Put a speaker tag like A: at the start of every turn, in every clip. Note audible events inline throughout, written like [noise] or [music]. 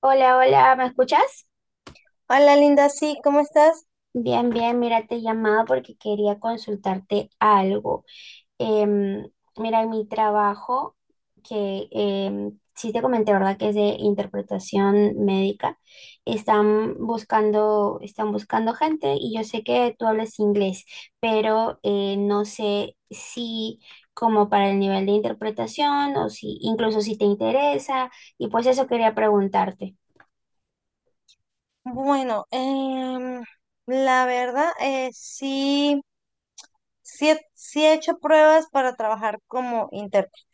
A: Hola, hola, ¿me escuchas?
B: Hola Linda, sí, ¿cómo estás?
A: Bien, bien, mira, te llamaba porque quería consultarte algo. Em, Mira, en mi trabajo, que sí te comenté, ¿verdad? Que es de interpretación médica, están buscando gente y yo sé que tú hablas inglés, pero no sé si como para el nivel de interpretación o si incluso si te interesa y pues eso quería preguntarte.
B: Bueno, la verdad, sí, sí he hecho pruebas para trabajar como intérprete.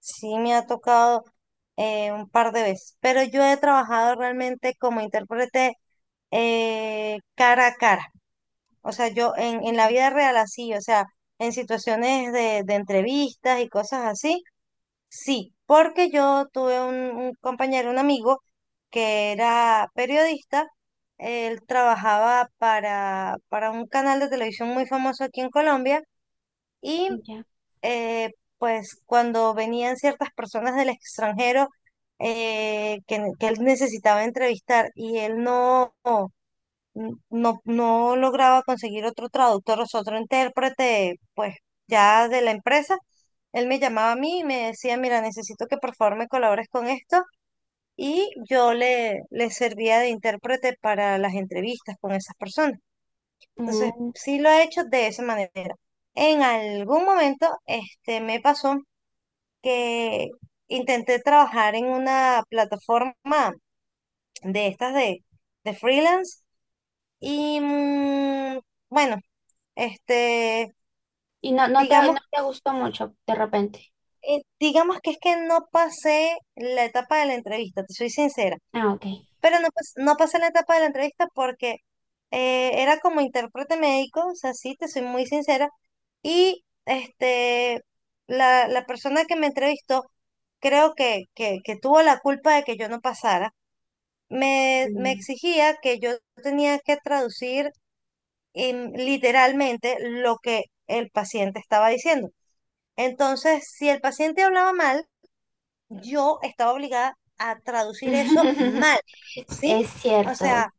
B: Sí me ha tocado un par de veces, pero yo he trabajado realmente como intérprete cara a cara. O sea, yo en la
A: Ujú.
B: vida real así, o sea, en situaciones de entrevistas y cosas así. Sí, porque yo tuve un compañero, un amigo, que era periodista. Él trabajaba para un canal de televisión muy famoso aquí en Colombia y
A: Ya.
B: eh, pues cuando venían ciertas personas del extranjero que él necesitaba entrevistar y él no lograba conseguir otro traductor, o sea, otro intérprete, pues ya de la empresa. Él me llamaba a mí y me decía, mira, necesito que por favor me colabores con esto. Y yo le servía de intérprete para las entrevistas con esas personas. Entonces,
A: Mm.
B: sí lo he hecho de esa manera. En algún momento, este, me pasó que intenté trabajar en una plataforma de de freelance y bueno, Este,
A: Y
B: digamos,
A: no te gustó mucho de repente.
B: digamos que es que no pasé la etapa de la entrevista, te soy sincera,
A: Ah, ok.
B: pero no pasé la etapa de la entrevista porque era como intérprete médico, o sea, sí, te soy muy sincera, y este, la persona que me entrevistó, creo que tuvo la culpa de que yo no pasara, me
A: Mm.
B: exigía que yo tenía que traducir literalmente lo que el paciente estaba diciendo. Entonces, si el paciente hablaba mal, yo estaba obligada a traducir eso mal,
A: [laughs]
B: ¿sí?
A: Es
B: O
A: cierto.
B: sea,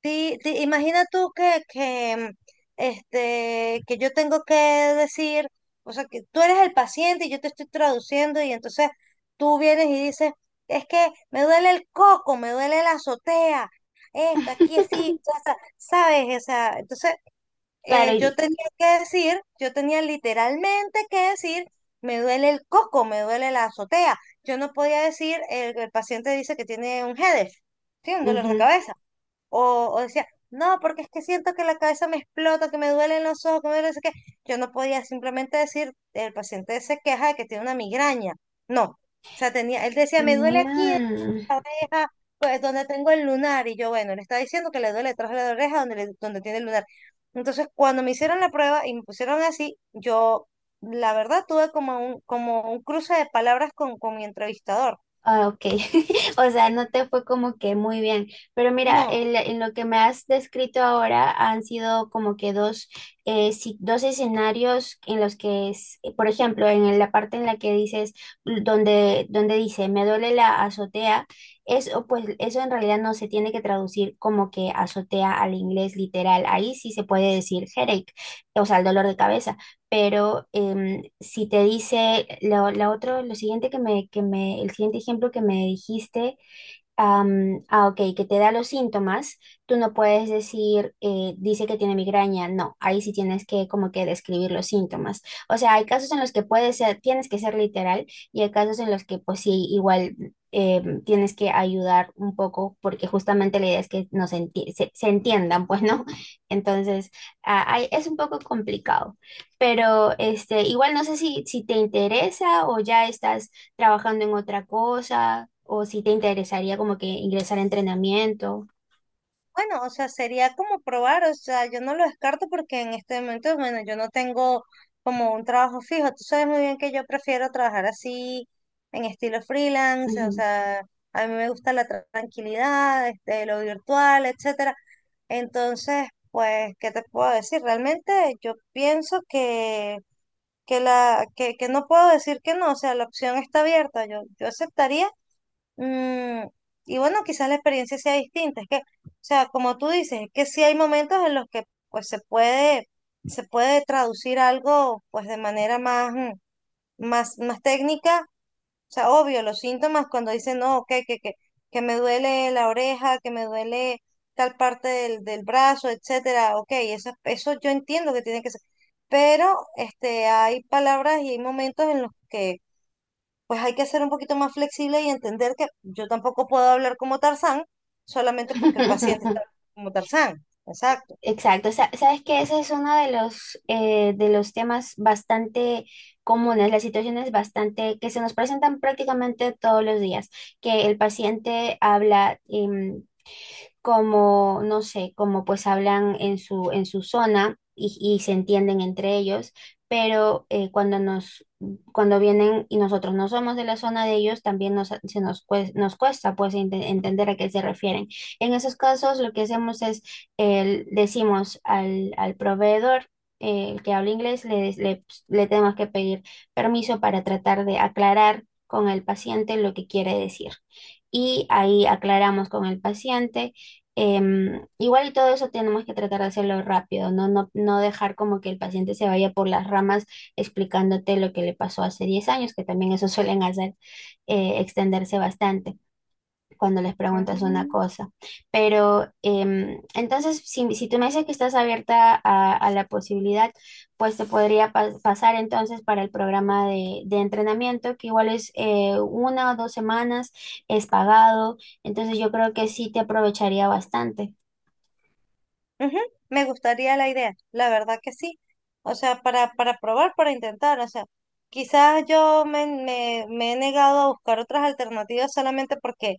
B: imagina tú que que yo tengo que decir, o sea, que tú eres el paciente y yo te estoy traduciendo y entonces tú vienes y dices, es que me duele el coco, me duele la azotea, esta, aquí sí,
A: [laughs]
B: o sea, ¿sabes? O sea, entonces
A: Claro,
B: yo
A: y...
B: tenía que decir, yo tenía literalmente que decir, me duele el coco, me duele la azotea. Yo no podía decir, el paciente dice que tiene un headache, sí, un dolor de
A: Ujú.
B: cabeza. O decía, no, porque es que siento que la cabeza me explota, que me duelen los ojos, que me duele, no sé qué. Yo no podía simplemente decir, el paciente se queja de que tiene una migraña. No. O sea, tenía, él decía, me duele aquí,
A: Mm.
B: oreja, pues donde tengo el lunar. Y yo, bueno, le está diciendo que le duele detrás de la oreja donde tiene el lunar. Entonces, cuando me hicieron la prueba y me pusieron así, yo, la verdad, tuve como como un cruce de palabras con mi entrevistador.
A: Ah, ok. [laughs] O sea, no te fue como que muy bien. Pero mira,
B: No.
A: en lo que me has descrito ahora han sido como que dos, dos escenarios en los que, por ejemplo, en la parte en la que dices, donde, donde dice, me duele la azotea, eso, pues eso en realidad no se tiene que traducir como que azotea al inglés literal. Ahí sí se puede decir headache, o sea, el dolor de cabeza, pero si te dice lo la otro, lo siguiente el siguiente ejemplo que me dijiste, ok, que te da los síntomas, tú no puedes decir, dice que tiene migraña, no, ahí sí tienes que como que describir los síntomas. O sea, hay casos en los que puedes ser, tienes que ser literal y hay casos en los que pues sí, igual tienes que ayudar un poco porque justamente la idea es que se, se entiendan, pues, ¿no? [laughs] Entonces, es un poco complicado, pero este, igual no sé si, si te interesa o ya estás trabajando en otra cosa o si te interesaría como que ingresar a entrenamiento.
B: Bueno, o sea, sería como probar, o sea, yo no lo descarto porque en este momento, bueno, yo no tengo como un trabajo fijo. Tú sabes muy bien que yo prefiero trabajar así, en estilo freelance, o
A: Ujú.
B: sea, a mí me gusta la tranquilidad, este, lo virtual, etcétera. Entonces, pues, ¿qué te puedo decir? Realmente yo pienso que que no puedo decir que no, o sea, la opción está abierta. Yo aceptaría. Mm, y bueno, quizás la experiencia sea distinta. Es que, o sea, como tú dices, es que sí hay momentos en los que pues se puede traducir algo pues de manera más, más, más técnica. O sea, obvio, los síntomas cuando dicen, no, ok, que me duele la oreja, que me duele tal parte del brazo, etcétera, ok, eso yo entiendo que tiene que ser. Pero este, hay palabras y hay momentos en los que pues hay que ser un poquito más flexible y entender que yo tampoco puedo hablar como Tarzán solamente porque el paciente
A: [laughs]
B: está como Tarzán. Exacto.
A: Exacto. Sabes que ese es uno de los temas bastante comunes, las situaciones bastante que se nos presentan prácticamente todos los días, que el paciente habla, como, no sé, como pues hablan en su zona y se entienden entre ellos, pero cuando vienen y nosotros no somos de la zona de ellos, también nos cuesta pues entender a qué se refieren. En esos casos lo que hacemos es, decimos al proveedor, el que habla inglés, le tenemos que pedir permiso para tratar de aclarar con el paciente lo que quiere decir, y ahí aclaramos con el paciente. Igual y todo eso tenemos que tratar de hacerlo rápido, ¿no? No dejar como que el paciente se vaya por las ramas explicándote lo que le pasó hace 10 años, que también eso [laughs] suelen hacer, extenderse bastante cuando les preguntas una
B: Ujú.
A: cosa. Pero entonces, si, si tú me dices que estás abierta a la posibilidad, pues te podría pasar entonces para el programa de entrenamiento, que igual es una o dos semanas, es pagado, entonces yo creo que sí te aprovecharía bastante.
B: Ujú, me gustaría la idea, la verdad que sí. O sea, para probar, para intentar. O sea, quizás yo me he negado a buscar otras alternativas solamente porque,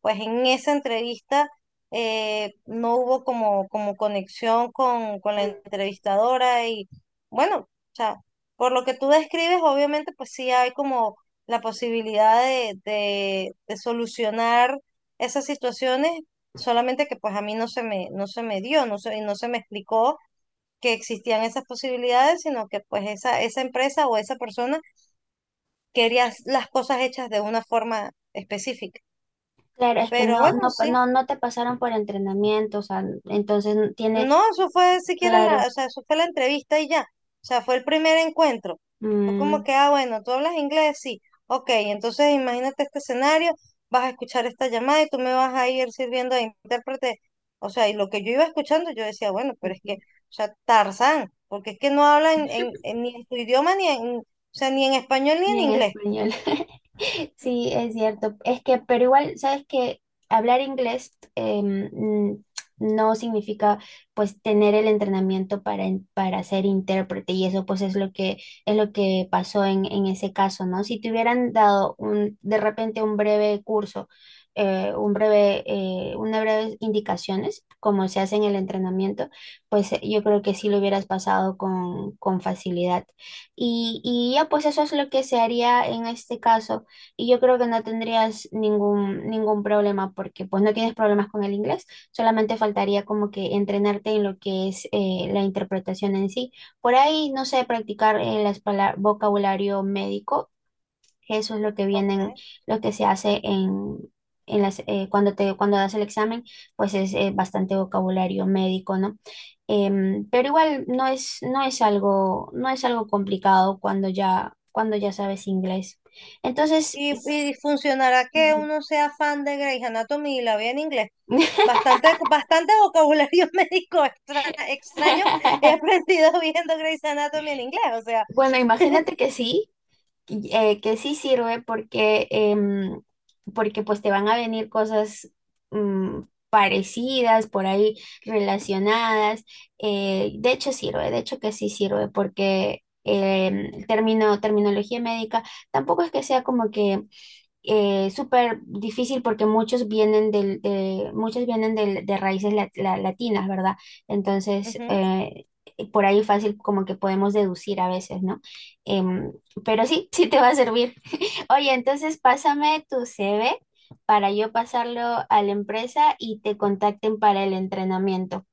B: pues en esa entrevista no hubo como, como conexión con la entrevistadora y bueno, o sea, por lo que tú describes, obviamente pues sí hay como la posibilidad de solucionar esas situaciones. Solamente que pues a mí no se me dio, no se me explicó que existían esas posibilidades, sino que pues esa empresa o esa persona quería las cosas hechas de una forma específica.
A: Claro, es que
B: Pero bueno, sí,
A: no te pasaron por entrenamiento, o sea, entonces no tiene,
B: no, eso fue siquiera la,
A: claro.
B: o sea, eso fue la entrevista y ya. O sea, fue el primer encuentro. Fue como
A: Mm,
B: que, ah, bueno, tú hablas inglés, sí. Ok, entonces imagínate este escenario, vas a escuchar esta llamada y tú me vas a ir sirviendo de intérprete. O sea, y lo que yo iba escuchando, yo decía, bueno, pero es que, o sea, Tarzán, porque es que no hablan ni en tu idioma, ni en, o sea, ni en español, ni
A: ni
B: en
A: en
B: inglés.
A: español. [laughs] Sí, es cierto. Es que, pero igual, sabes que hablar inglés no significa pues tener el entrenamiento para, para ser intérprete y eso pues es lo que pasó en ese caso, ¿no? Si te hubieran dado un, de repente un breve curso, un breve, unas breves indicaciones, como se hace en el entrenamiento, pues yo creo que sí lo hubieras pasado con facilidad. Y ya pues eso es lo que se haría en este caso. Y yo creo que no tendrías ningún, ningún problema porque pues no tienes problemas con el inglés, solamente faltaría como que entrenarte en lo que es la interpretación en sí. Por ahí, no sé, practicar el vocabulario médico, eso es lo que vienen,
B: Ok.
A: lo que se hace en las, cuando te, cuando das el examen, pues es bastante vocabulario médico, ¿no? Pero igual no es, no es algo, no es algo complicado cuando ya sabes inglés. Entonces,
B: Y,
A: es-
B: y funcionará que uno sea fan de Grey's Anatomy y la vea en inglés. Bastante, bastante vocabulario [laughs] médico extra, extraño he
A: [laughs]
B: aprendido [laughs] viendo Grey's Anatomy en inglés, o sea,
A: bueno, imagínate que sí sirve porque, porque pues te van a venir cosas mm, parecidas por ahí, relacionadas. De hecho sirve, de hecho que sí sirve porque el término, terminología médica tampoco es que sea como que súper difícil porque muchos vienen del, de, muchos vienen de raíces latinas, ¿verdad? Entonces,
B: ujú,
A: por ahí fácil como que podemos deducir a veces, ¿no? Em, pero sí, [laughs] sí te va a servir. [laughs] Oye, entonces pásame tu CV para yo pasarlo a la empresa y te contacten para el entrenamiento.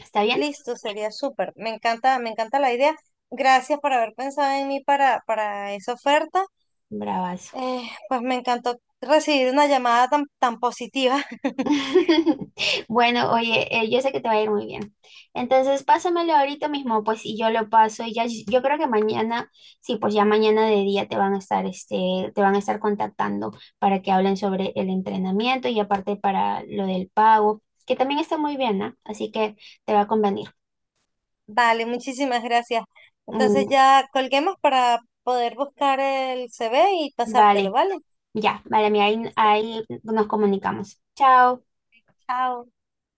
A: ¿Está bien?
B: listo, sería súper. Me encanta la idea. Gracias por haber pensado en mí para esa oferta.
A: Bravazo.
B: Pues me encantó recibir una llamada tan, tan positiva. [laughs]
A: [laughs] Bueno, oye, yo sé que te va a ir muy bien. Entonces, pásamelo ahorita mismo, pues, y yo lo paso y ya, yo creo que mañana, sí, pues ya mañana de día te van a estar, este, te van a estar contactando para que hablen sobre el entrenamiento y aparte para lo del pago, que también está muy bien, ¿no? Así que te va a convenir.
B: Vale, muchísimas gracias. Entonces
A: Mm,
B: ya colguemos para poder buscar el CV y pasártelo,
A: vale,
B: ¿vale?
A: ya, vale, mira, ahí,
B: Listo,
A: ahí nos comunicamos. Chao.
B: chao.